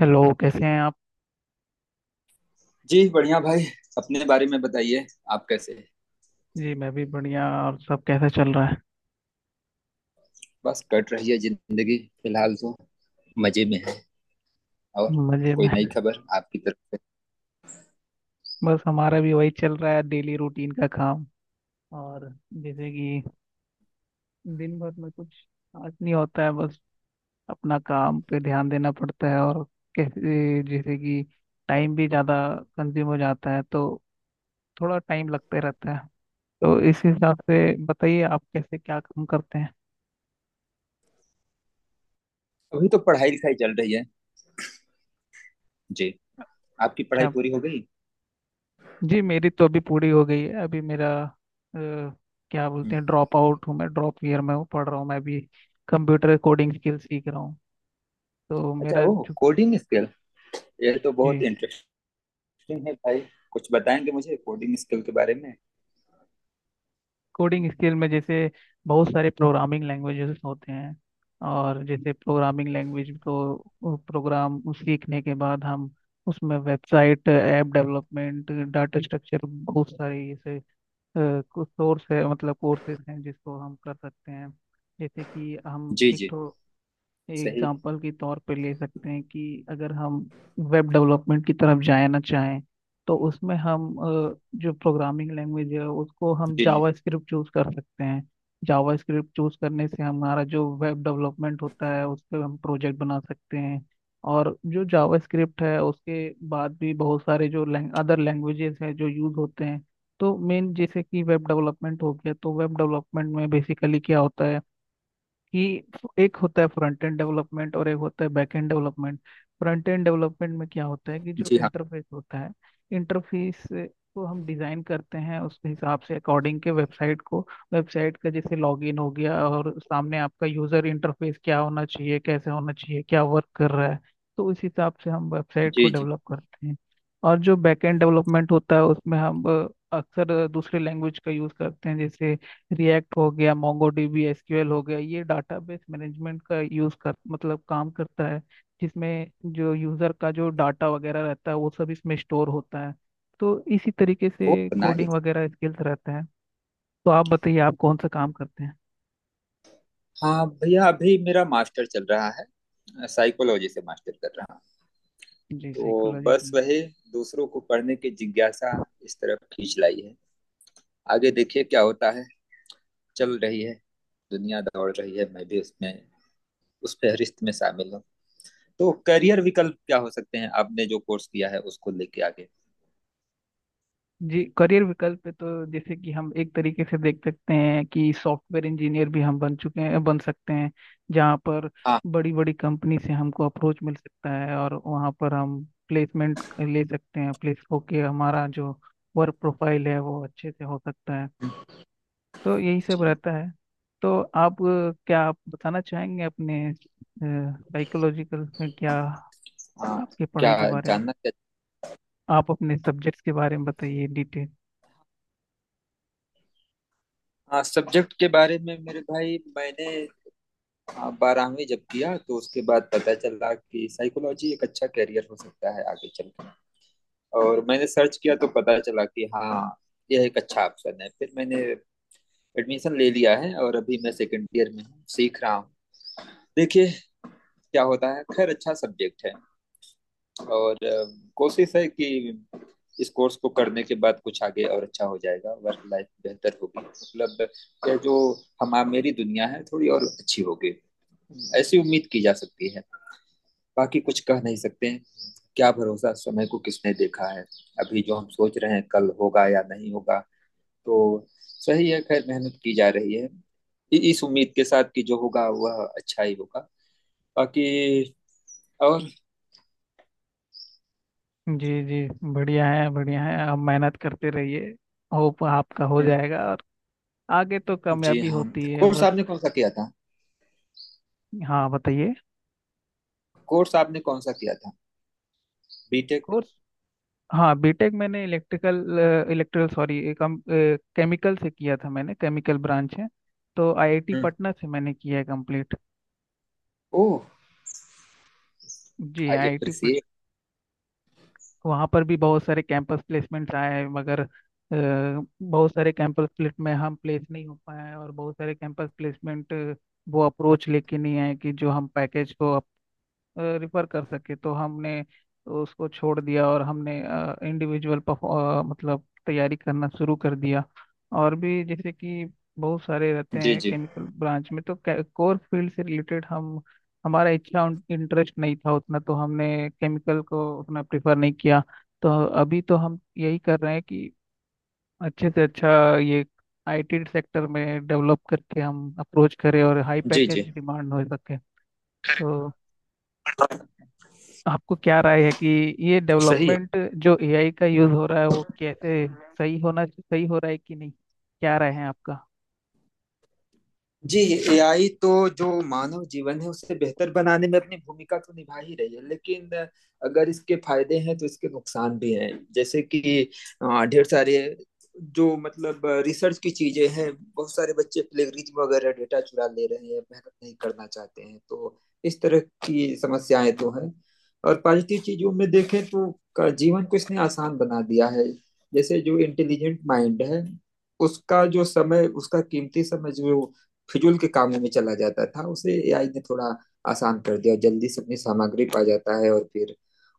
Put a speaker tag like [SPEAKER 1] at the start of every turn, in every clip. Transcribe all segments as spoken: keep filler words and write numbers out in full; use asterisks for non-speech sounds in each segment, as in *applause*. [SPEAKER 1] Hello, कैसे हैं आप?
[SPEAKER 2] जी बढ़िया भाई। अपने बारे में बताइए। आप कैसे हैं।
[SPEAKER 1] जी मैं भी बढ़िया। और सब कैसा चल रहा है?
[SPEAKER 2] बस कट रही है जिंदगी फिलहाल तो। मजे में है। और
[SPEAKER 1] मजे
[SPEAKER 2] कोई
[SPEAKER 1] में।
[SPEAKER 2] नई खबर आपकी तरफ से।
[SPEAKER 1] बस हमारा भी वही चल रहा है, डेली रूटीन का काम। और जैसे कि दिन भर में कुछ खास नहीं होता है, बस अपना काम पे ध्यान देना पड़ता है। और कैसे जैसे कि टाइम भी ज़्यादा कंज्यूम हो जाता है, तो थोड़ा टाइम लगते रहता है। तो इस हिसाब से बताइए, आप कैसे क्या काम करते हैं?
[SPEAKER 2] अभी तो पढ़ाई लिखाई चल रही है। जी, आपकी पढ़ाई
[SPEAKER 1] अच्छा,
[SPEAKER 2] पूरी हो गई।
[SPEAKER 1] जी मेरी तो अभी पूरी हो गई है। अभी मेरा अ, क्या
[SPEAKER 2] हम्म।
[SPEAKER 1] बोलते हैं, ड्रॉप आउट हूँ, मैं ड्रॉप ईयर में हूँ, पढ़ रहा हूँ मैं अभी। कंप्यूटर कोडिंग स्किल सीख रहा हूँ। तो
[SPEAKER 2] अच्छा,
[SPEAKER 1] मेरा
[SPEAKER 2] ओह
[SPEAKER 1] जो,
[SPEAKER 2] कोडिंग स्किल। ये तो बहुत
[SPEAKER 1] जी।
[SPEAKER 2] इंटरेस्टिंग है भाई। कुछ बताएंगे मुझे कोडिंग स्किल के बारे में।
[SPEAKER 1] कोडिंग स्किल में जैसे बहुत सारे प्रोग्रामिंग लैंग्वेजेस होते हैं। और जैसे प्रोग्रामिंग लैंग्वेज को प्रोग्राम सीखने के बाद हम उसमें website, app development, data structure, बहुत सारे ऐसे सोर्स है मतलब कोर्सेज हैं जिसको हम कर सकते हैं। जैसे कि हम
[SPEAKER 2] जी
[SPEAKER 1] एक
[SPEAKER 2] जी।
[SPEAKER 1] तो
[SPEAKER 2] सही है।
[SPEAKER 1] एग्जाम्पल के तौर पे ले सकते हैं कि अगर हम वेब डेवलपमेंट की तरफ जाए ना चाहें, तो उसमें हम अ, जो प्रोग्रामिंग लैंग्वेज है उसको हम
[SPEAKER 2] जी जी।
[SPEAKER 1] जावा स्क्रिप्ट चूज कर सकते हैं। जावा स्क्रिप्ट चूज करने से हमारा जो वेब डेवलपमेंट होता है उस पर हम प्रोजेक्ट बना सकते हैं। और जो जावा स्क्रिप्ट है उसके बाद भी बहुत सारे जो अदर लैंग्वेजेस हैं जो यूज होते हैं। तो मेन जैसे कि वेब डेवलपमेंट हो गया, तो वेब डेवलपमेंट में बेसिकली क्या होता है कि एक होता है फ्रंट एंड डेवलपमेंट और एक होता है back end development. Front end development में क्या होता है कि जो
[SPEAKER 2] जी हाँ।
[SPEAKER 1] इंटरफेस होता है, इंटरफेस को हम डिजाइन करते हैं उसके हिसाब से, अकॉर्डिंग के वेबसाइट को। वेबसाइट का जैसे लॉगिन हो गया और सामने आपका यूजर इंटरफेस क्या होना चाहिए, कैसे होना चाहिए, क्या वर्क कर रहा है, तो उस हिसाब से हम वेबसाइट को
[SPEAKER 2] जी जी।
[SPEAKER 1] डेवलप करते हैं। और जो बैक एंड डेवलपमेंट होता है उसमें हम अ, अक्सर दूसरे लैंग्वेज का यूज करते हैं। जैसे रिएक्ट हो गया, मोंगोडीबी, एसक्यूएल हो गया, ये डाटाबेस मैनेजमेंट का यूज कर मतलब काम करता है, जिसमें जो यूजर का जो डाटा वगैरह रहता है वो सब इसमें स्टोर होता है। तो इसी तरीके
[SPEAKER 2] वो
[SPEAKER 1] से कोडिंग
[SPEAKER 2] बनाइए।
[SPEAKER 1] वगैरह स्किल्स रहते हैं। तो आप बताइए, आप कौन सा काम करते हैं?
[SPEAKER 2] हाँ भैया, अभी मेरा मास्टर चल रहा है, साइकोलॉजी से मास्टर कर रहा हूँ।
[SPEAKER 1] जी
[SPEAKER 2] तो
[SPEAKER 1] साइकोलॉजी।
[SPEAKER 2] बस वही दूसरों को पढ़ने की जिज्ञासा इस तरफ खींच लाई है। आगे देखिए क्या होता है। चल रही है दुनिया, दौड़ रही है, मैं भी उसमें उस फहरिस्त में शामिल हूँ। तो करियर विकल्प क्या हो सकते हैं आपने जो कोर्स किया है उसको लेके आगे।
[SPEAKER 1] जी करियर विकल्प पे तो जैसे कि हम एक तरीके से देख सकते हैं कि सॉफ्टवेयर इंजीनियर भी हम बन चुके हैं, बन सकते हैं। जहाँ पर
[SPEAKER 2] हाँ।
[SPEAKER 1] बड़ी बड़ी कंपनी से हमको अप्रोच मिल सकता है और वहाँ पर हम प्लेसमेंट ले सकते हैं, प्लेस होके हमारा जो वर्क प्रोफाइल है वो अच्छे से हो सकता है। तो यही सब
[SPEAKER 2] जी
[SPEAKER 1] रहता है। तो आप अ, क्या आप बताना चाहेंगे अपने साइकोलॉजिकल में क्या,
[SPEAKER 2] हाँ।
[SPEAKER 1] आपके पढ़ाई
[SPEAKER 2] क्या
[SPEAKER 1] के बारे में?
[SPEAKER 2] जानना क्या।
[SPEAKER 1] आप अपने सब्जेक्ट्स के बारे में बताइए डिटेल।
[SPEAKER 2] हाँ, सब्जेक्ट के बारे में मेरे भाई, मैंने हाँ, बारहवीं जब किया तो उसके बाद पता चला कि साइकोलॉजी एक अच्छा करियर हो सकता है आगे चल। और मैंने सर्च किया तो पता चला कि हाँ, यह एक अच्छा ऑप्शन है। फिर मैंने एडमिशन ले लिया है और अभी मैं सेकेंड ईयर में हूँ, सीख रहा हूँ। देखिए क्या होता है। खैर, अच्छा सब्जेक्ट है। और अ, कोशिश है कि इस कोर्स को करने के बाद कुछ आगे और अच्छा हो जाएगा, वर्क लाइफ बेहतर होगी, मतलब यह जो हम मेरी दुनिया है थोड़ी और अच्छी होगी। ऐसी उम्मीद की जा सकती है। बाकी कुछ कह नहीं सकते हैं। क्या भरोसा, समय को किसने देखा है। अभी जो हम सोच रहे हैं कल होगा या नहीं होगा। तो सही है, खैर मेहनत की जा रही है इ- इस उम्मीद के साथ कि जो होगा वह अच्छा ही होगा। बाकी और
[SPEAKER 1] जी जी, बढ़िया है, बढ़िया है। आप मेहनत करते रहिए, होप आपका हो
[SPEAKER 2] हम्म।
[SPEAKER 1] जाएगा और आगे तो
[SPEAKER 2] जी
[SPEAKER 1] कामयाबी
[SPEAKER 2] हाँ।
[SPEAKER 1] होती है
[SPEAKER 2] कोर्स
[SPEAKER 1] बस।
[SPEAKER 2] आपने कौन सा किया था।
[SPEAKER 1] हाँ बताइए।
[SPEAKER 2] कोर्स आपने कौन सा किया था। बीटेक।
[SPEAKER 1] कोर्स, हाँ बीटेक मैंने इलेक्ट्रिकल, इलेक्ट्रिकल सॉरी कम केमिकल से किया था मैंने, केमिकल ब्रांच है। तो आईआईटी
[SPEAKER 2] हम्म।
[SPEAKER 1] पटना से मैंने किया है कंप्लीट।
[SPEAKER 2] ओह,
[SPEAKER 1] जी
[SPEAKER 2] आई
[SPEAKER 1] आईआईटी।
[SPEAKER 2] अप्रिशिएट।
[SPEAKER 1] वहाँ पर भी बहुत सारे कैंपस प्लेसमेंट्स आए हैं, मगर अ, बहुत सारे कैंपस प्लेसमेंट में हम प्लेस नहीं हो पाए हैं, और बहुत सारे कैंपस प्लेसमेंट वो अप्रोच लेके नहीं आए कि जो हम पैकेज को रिफर कर सके। तो हमने उसको छोड़ दिया और हमने इंडिविजुअल मतलब तैयारी करना शुरू कर दिया। और भी जैसे कि बहुत सारे रहते
[SPEAKER 2] जी
[SPEAKER 1] हैं
[SPEAKER 2] जी।
[SPEAKER 1] केमिकल ब्रांच में, तो कोर फील्ड से रिलेटेड हम, हमारा इच्छा इंटरेस्ट नहीं था उतना, तो हमने केमिकल को उतना प्रेफर नहीं किया। तो अभी तो हम यही कर रहे हैं कि अच्छे से अच्छा ये आईटी सेक्टर में डेवलप करके हम अप्रोच करें और हाई
[SPEAKER 2] जी जी।
[SPEAKER 1] पैकेज डिमांड हो सके। तो आपको क्या राय है कि ये
[SPEAKER 2] सही है।
[SPEAKER 1] डेवलपमेंट, जो एआई का यूज हो रहा है, वो कैसे सही होना, सही हो रहा है कि नहीं, क्या राय है आपका?
[SPEAKER 2] जी। एआई तो जो मानव जीवन है उसे बेहतर बनाने में अपनी भूमिका तो निभा ही रही है, लेकिन अगर इसके फायदे हैं तो इसके नुकसान भी हैं। जैसे कि अ, ढेर सारे जो मतलब रिसर्च की चीजें हैं, बहुत सारे बच्चे प्लेगरिज्म वगैरह डेटा चुरा ले रहे हैं, मेहनत नहीं करना चाहते हैं, तो इस तरह की समस्याएं तो हैं। और पॉजिटिव चीजों में देखें तो का जीवन को इसने आसान बना दिया है। जैसे जो इंटेलिजेंट माइंड है उसका जो समय, उसका कीमती समय जो फिजूल के कामों में चला जाता था उसे एआई ने थोड़ा आसान कर दिया, और जल्दी से अपनी सामग्री पा जाता है और फिर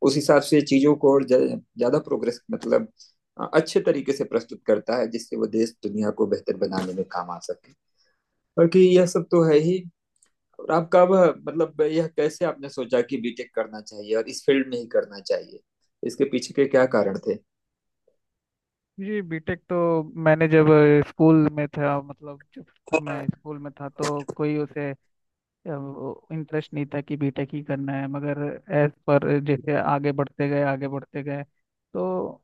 [SPEAKER 2] उस हिसाब से चीजों को और ज- ज्यादा प्रोग्रेस मतलब अ, अच्छे तरीके से प्रस्तुत करता है, जिससे वो देश दुनिया को बेहतर बनाने में काम आ सके। बाकी यह सब तो है ही। और आप कब, मतलब यह कैसे आपने सोचा कि बीटेक करना चाहिए और इस फील्ड में ही करना चाहिए, इसके पीछे के क्या कारण थे।
[SPEAKER 1] जी बीटेक तो मैंने जब अ, स्कूल में था, मतलब जब मैं स्कूल में था तो कोई उसे इंटरेस्ट नहीं था कि बीटेक ही करना है। मगर एज पर जैसे आगे बढ़ते गए, आगे बढ़ते गए, तो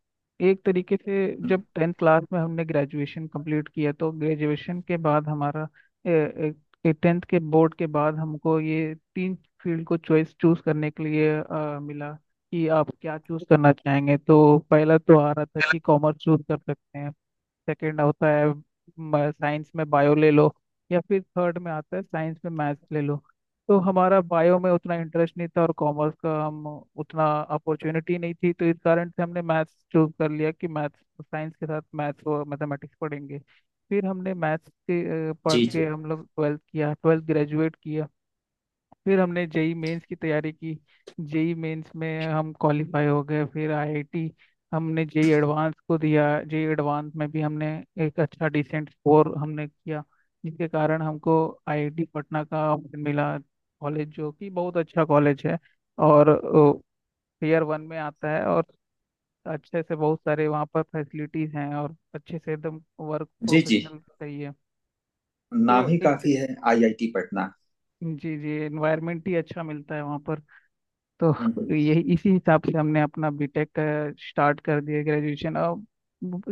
[SPEAKER 1] एक तरीके से जब टेंथ क्लास में हमने ग्रेजुएशन कंप्लीट किया तो ग्रेजुएशन के बाद हमारा, टेंथ के बोर्ड के बाद हमको ये तीन फील्ड को चॉइस चूज करने के लिए अ, मिला कि आप क्या चूज करना चाहेंगे। तो पहला तो आ रहा था कि कॉमर्स चूज कर सकते हैं, सेकंड होता है साइंस में बायो ले लो, या फिर थर्ड में आता है साइंस में मैथ्स ले लो। तो हमारा बायो में उतना इंटरेस्ट नहीं था और कॉमर्स का हम, उतना अपॉर्चुनिटी नहीं थी, तो इस कारण से हमने मैथ्स चूज कर लिया कि मैथ्स, साइंस के साथ मैथ्स और मैथमेटिक्स पढ़ेंगे। फिर हमने मैथ्स के अ, पढ़
[SPEAKER 2] जी जी।
[SPEAKER 1] के हम लोग ट्वेल्थ किया, ट्वेल्थ ग्रेजुएट किया। फिर हमने जेई मेंस की तैयारी की, जेई मेंस में हम क्वालिफाई हो गए। फिर आईआईटी, हमने जेई एडवांस को दिया, जेई एडवांस में भी हमने एक अच्छा डिसेंट स्कोर हमने किया। जिसके कारण हमको आईआईटी पटना का ऑप्शन मिला, कॉलेज जो कि बहुत अच्छा कॉलेज है और ईयर वन में आता है। और अच्छे से बहुत सारे वहाँ पर फैसिलिटीज हैं और अच्छे से एकदम वर्क
[SPEAKER 2] जी जी।
[SPEAKER 1] प्रोफेशनल सही है।
[SPEAKER 2] नाम
[SPEAKER 1] तो
[SPEAKER 2] ही
[SPEAKER 1] एक तर-,
[SPEAKER 2] काफी है आईआईटी पटना।
[SPEAKER 1] जी जी, एनवायरनमेंट ही अच्छा मिलता है वहाँ पर। तो
[SPEAKER 2] हम्म हम्म।
[SPEAKER 1] यही, इसी हिसाब से हमने अपना बीटेक का स्टार्ट कर दिया ग्रेजुएशन। अब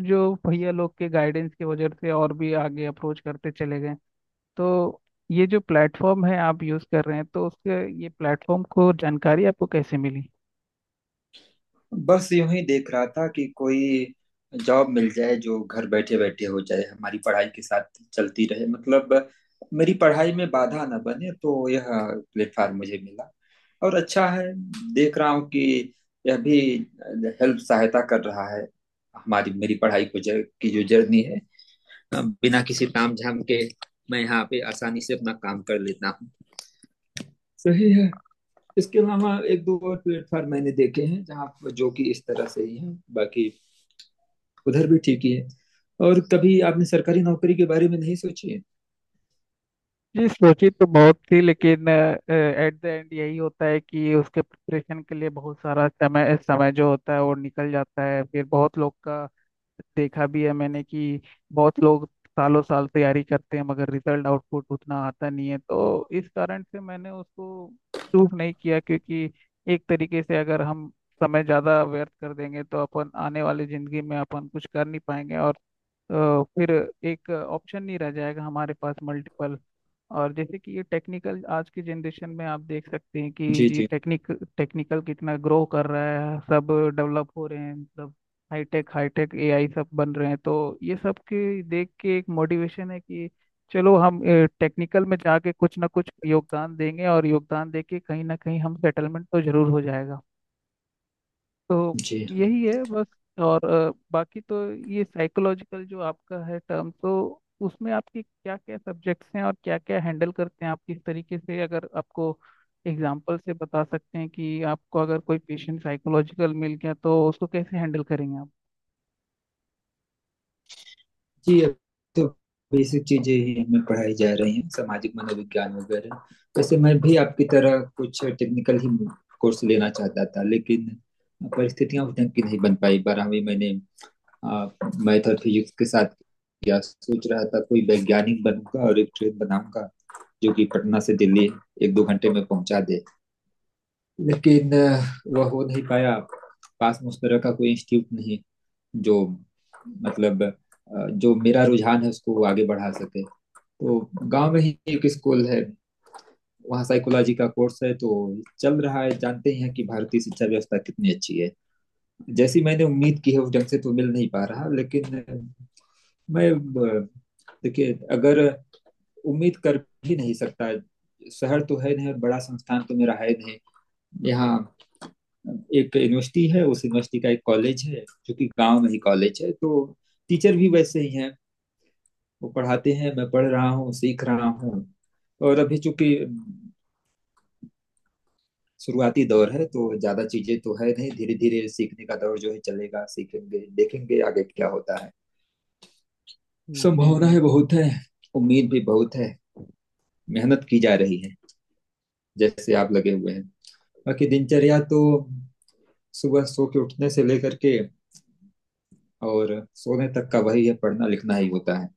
[SPEAKER 1] जो भैया लोग के गाइडेंस की वजह से और भी आगे अप्रोच करते चले गए। तो ये जो प्लेटफॉर्म है आप यूज़ कर रहे हैं, तो उसके ये प्लेटफॉर्म को जानकारी आपको कैसे मिली?
[SPEAKER 2] बस यूं ही देख रहा था कि कोई जॉब मिल जाए जो घर बैठे बैठे हो जाए, हमारी पढ़ाई के साथ चलती रहे, मतलब मेरी पढ़ाई में बाधा ना बने। तो यह प्लेटफॉर्म मुझे मिला और अच्छा है, देख रहा हूँ कि यह भी हेल्प, सहायता कर रहा है हमारी मेरी पढ़ाई को, जर, की जो जर्नी है, अ, बिना किसी तामझाम के मैं यहाँ पे आसानी से अपना काम कर लेता हूँ। सही है। इसके अलावा एक दो और प्लेटफॉर्म मैंने देखे हैं जहाँ, जो कि इस तरह से ही हैं, बाकी उधर भी ठीक ही है। और कभी आपने सरकारी नौकरी के बारे में नहीं सोची है।
[SPEAKER 1] जी सोची तो बहुत थी, लेकिन एट द एंड यही होता है कि उसके प्रिपरेशन के लिए बहुत सारा समय, समय जो होता है वो निकल जाता है। फिर बहुत लोग का देखा भी है मैंने कि बहुत लोग सालों साल तैयारी करते हैं मगर रिजल्ट आउटपुट उतना आता नहीं है। तो इस कारण से मैंने उसको चूज नहीं किया, क्योंकि एक तरीके से अगर हम समय ज़्यादा व्यर्थ कर देंगे तो अपन आने वाली ज़िंदगी में अपन कुछ कर नहीं पाएंगे और अ, फिर एक ऑप्शन नहीं रह जाएगा हमारे पास, मल्टीपल। और जैसे कि ये टेक्निकल आज की जनरेशन में आप देख सकते हैं कि
[SPEAKER 2] जी
[SPEAKER 1] जी
[SPEAKER 2] जी।
[SPEAKER 1] टेक्निक, टेक्निकल कितना ग्रो कर रहा है, सब डेवलप हो रहे हैं, मतलब हाईटेक, हाईटेक एआई सब बन रहे हैं। तो ये सब के देख के एक मोटिवेशन है कि चलो हम टेक्निकल में जाके कुछ ना कुछ योगदान देंगे और योगदान देके कहीं ना कहीं हम सेटलमेंट तो जरूर हो जाएगा। तो
[SPEAKER 2] जी
[SPEAKER 1] यही
[SPEAKER 2] हाँ
[SPEAKER 1] है बस। और अ, बाकी तो ये साइकोलॉजिकल जो आपका है टर्म, तो उसमें आपके क्या क्या सब्जेक्ट्स हैं और क्या क्या हैंडल करते हैं आप, किस तरीके से, अगर आपको एग्जाम्पल से बता सकते हैं कि आपको अगर कोई पेशेंट साइकोलॉजिकल मिल गया तो उसको कैसे हैंडल करेंगे आप?
[SPEAKER 2] जी अब तो बेसिक चीजें ही हमें पढ़ाई जा रही हैं, सामाजिक मनोविज्ञान वगैरह। वैसे मैं भी आपकी तरह कुछ टेक्निकल ही कोर्स लेना चाहता था, लेकिन परिस्थितियां उस ढंग की नहीं बन पाई। बारहवीं मैंने मैथ और फिजिक्स के साथ किया, सोच रहा था कोई वैज्ञानिक बनूंगा और एक ट्रेन बनाऊंगा जो कि पटना से दिल्ली एक दो घंटे में पहुंचा दे, लेकिन अ, वह हो नहीं पाया। पास में उस तरह का कोई इंस्टीट्यूट नहीं जो मतलब अ, जो मेरा रुझान है उसको वो आगे बढ़ा सके। तो गांव में ही एक स्कूल है, वहाँ साइकोलॉजी का कोर्स है, तो चल रहा है। जानते ही हैं कि भारतीय शिक्षा व्यवस्था कितनी अच्छी है। जैसी मैंने उम्मीद की है उस ढंग से तो मिल नहीं पा रहा, लेकिन अ, मैं अ, देखिए अगर उम्मीद कर भी नहीं सकता, शहर तो है नहीं और बड़ा संस्थान तो मेरा है नहीं। यहाँ एक यूनिवर्सिटी है, उस यूनिवर्सिटी का एक कॉलेज है जो कि गांव में ही कॉलेज है, तो टीचर भी वैसे ही हैं। वो पढ़ाते हैं, मैं पढ़ रहा हूँ, सीख रहा हूँ। और अभी चूंकि शुरुआती दौर है तो ज्यादा चीजें तो है नहीं, धीरे धीरे सीखने का दौर जो है चलेगा, सीखेंगे, देखेंगे आगे क्या होता है।
[SPEAKER 1] जी
[SPEAKER 2] संभावनाएं
[SPEAKER 1] जी।
[SPEAKER 2] बहुत है, उम्मीद भी बहुत है, मेहनत की जा रही है जैसे आप लगे हुए हैं। बाकी दिनचर्या तो सुबह सो के उठने से लेकर के और सोने तक का वही है, पढ़ना लिखना ही होता है।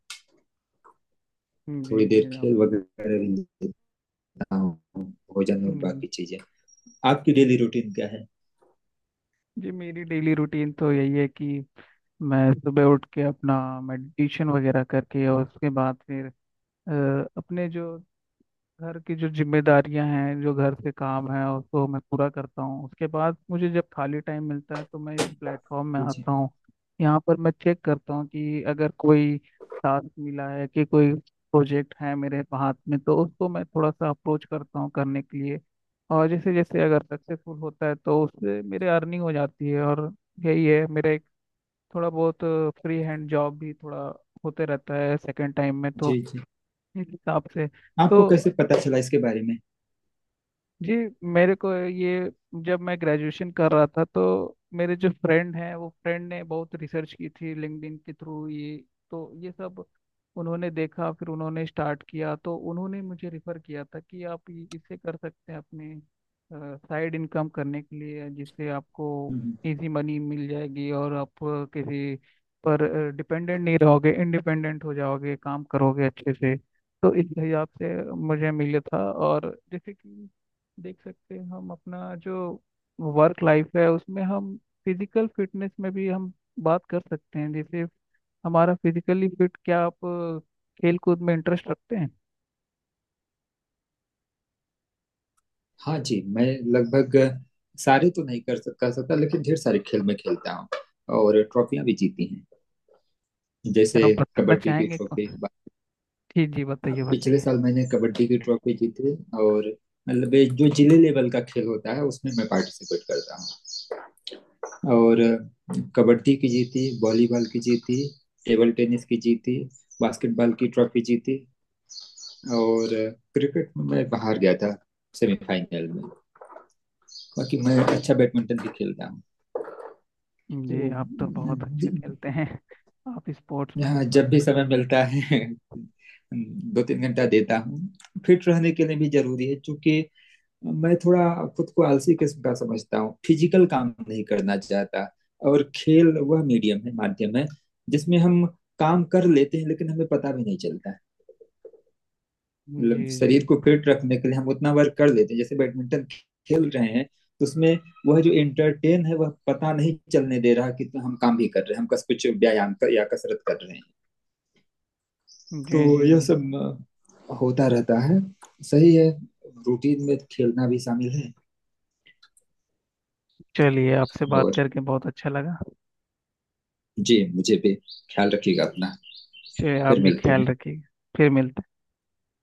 [SPEAKER 1] जी
[SPEAKER 2] थोड़ी देर
[SPEAKER 1] जी। आप।
[SPEAKER 2] खेल वगैरह भी लेता हूँ, भोजन और
[SPEAKER 1] हम्म।
[SPEAKER 2] बाकी चीजें। आपकी
[SPEAKER 1] हम्म।
[SPEAKER 2] डेली रूटीन क्या है।
[SPEAKER 1] जी मेरी डेली रूटीन तो यही है कि मैं सुबह उठ के अपना मेडिटेशन वगैरह करके और उसके बाद फिर अ, अपने जो घर की जो जिम्मेदारियां हैं, जो घर के काम हैं, उसको मैं पूरा करता हूँ। उसके बाद मुझे जब खाली टाइम मिलता है तो मैं इस प्लेटफॉर्म में
[SPEAKER 2] जी जी।
[SPEAKER 1] आता हूँ। यहाँ पर मैं चेक करता हूँ कि अगर कोई टास्क मिला है कि कोई प्रोजेक्ट है मेरे हाथ में, तो उसको मैं थोड़ा सा अप्रोच करता हूँ करने के लिए। और जैसे जैसे अगर सक्सेसफुल होता है तो उससे मेरे अर्निंग हो जाती है। और यही है मेरा एक थोड़ा बहुत फ्री हैंड जॉब भी थोड़ा होते रहता है सेकंड टाइम में। तो
[SPEAKER 2] जी जी।
[SPEAKER 1] इस हिसाब से।
[SPEAKER 2] आपको
[SPEAKER 1] तो
[SPEAKER 2] कैसे पता चला इसके बारे में।
[SPEAKER 1] जी मेरे को ये, जब मैं ग्रेजुएशन कर रहा था तो मेरे जो फ्रेंड हैं वो फ्रेंड ने बहुत रिसर्च की थी लिंक्डइन के थ्रू ये। तो ये सब उन्होंने देखा, फिर उन्होंने स्टार्ट किया, तो उन्होंने मुझे रिफ़र किया था कि आप ये- इससे कर सकते हैं अपने साइड इनकम करने के लिए, जिससे आपको
[SPEAKER 2] हम्म।
[SPEAKER 1] इजी मनी मिल जाएगी और आप अ, किसी पर डिपेंडेंट नहीं रहोगे, इंडिपेंडेंट हो जाओगे, काम करोगे अच्छे से। तो इस हिसाब से मुझे मिला था। और जैसे कि देख सकते हैं, हम अपना जो वर्क लाइफ है उसमें हम फिजिकल फिटनेस में भी हम बात कर सकते हैं। जैसे हमारा फिजिकली फिट, क्या आप अ, खेल कूद में इंटरेस्ट रखते हैं?
[SPEAKER 2] हाँ जी, मैं लगभग सारे तो नहीं कर सक, कर सकता लेकिन ढेर सारे खेल में खेलता हूँ, और ट्रॉफियां भी जीती हैं। जैसे
[SPEAKER 1] क्या आप बताना
[SPEAKER 2] कबड्डी की
[SPEAKER 1] चाहेंगे को-,
[SPEAKER 2] ट्रॉफी,
[SPEAKER 1] जी जी बताइए
[SPEAKER 2] पिछले
[SPEAKER 1] बताइए।
[SPEAKER 2] साल मैंने कबड्डी की ट्रॉफी जीती। और मतलब ये जो जिले लेवल का खेल होता है उसमें मैं पार्टिसिपेट करता हूँ। और कबड्डी की जीती, वॉलीबॉल की जीती, टेबल टेनिस की जीती, बास्केटबॉल की ट्रॉफी जीती, और क्रिकेट में मैं बाहर गया था सेमीफाइनल में। बाकी मैं अच्छा बैडमिंटन भी खेलता हूँ। तो
[SPEAKER 1] जी आप तो बहुत अच्छा
[SPEAKER 2] ज-
[SPEAKER 1] खेलते हैं, आप
[SPEAKER 2] यहाँ
[SPEAKER 1] स्पोर्ट्समैन बन
[SPEAKER 2] जब भी
[SPEAKER 1] सकते
[SPEAKER 2] समय
[SPEAKER 1] हैं।
[SPEAKER 2] मिलता है *laughs* दो तीन घंटा देता हूँ। फिट रहने के लिए भी जरूरी है क्योंकि मैं थोड़ा खुद को आलसी किस्म का समझता हूँ, फिजिकल काम नहीं करना चाहता। और खेल वह मीडियम है, माध्यम है जिसमें हम काम कर लेते हैं लेकिन हमें पता भी नहीं चलता है,
[SPEAKER 1] जी
[SPEAKER 2] मतलब
[SPEAKER 1] जी
[SPEAKER 2] शरीर को
[SPEAKER 1] जी।
[SPEAKER 2] फिट रखने के लिए हम उतना वर्क कर लेते हैं। जैसे बैडमिंटन खेल रहे हैं तो उसमें वह जो एंटरटेन है वह पता नहीं चलने दे रहा कि तो हम काम भी कर रहे हैं, हम कस कुछ व्यायाम कर या कसरत कर रहे हैं।
[SPEAKER 1] जी
[SPEAKER 2] तो
[SPEAKER 1] जी
[SPEAKER 2] यह
[SPEAKER 1] जी।
[SPEAKER 2] सब अ, होता रहता है। सही है, रूटीन में खेलना भी शामिल है।
[SPEAKER 1] चलिए आपसे बात
[SPEAKER 2] और
[SPEAKER 1] करके बहुत अच्छा लगा।
[SPEAKER 2] जी मुझे भी, ख्याल रखिएगा अपना।
[SPEAKER 1] चलिए आप
[SPEAKER 2] फिर
[SPEAKER 1] भी
[SPEAKER 2] मिलते
[SPEAKER 1] ख्याल
[SPEAKER 2] हैं।
[SPEAKER 1] रखिए। फिर मिलते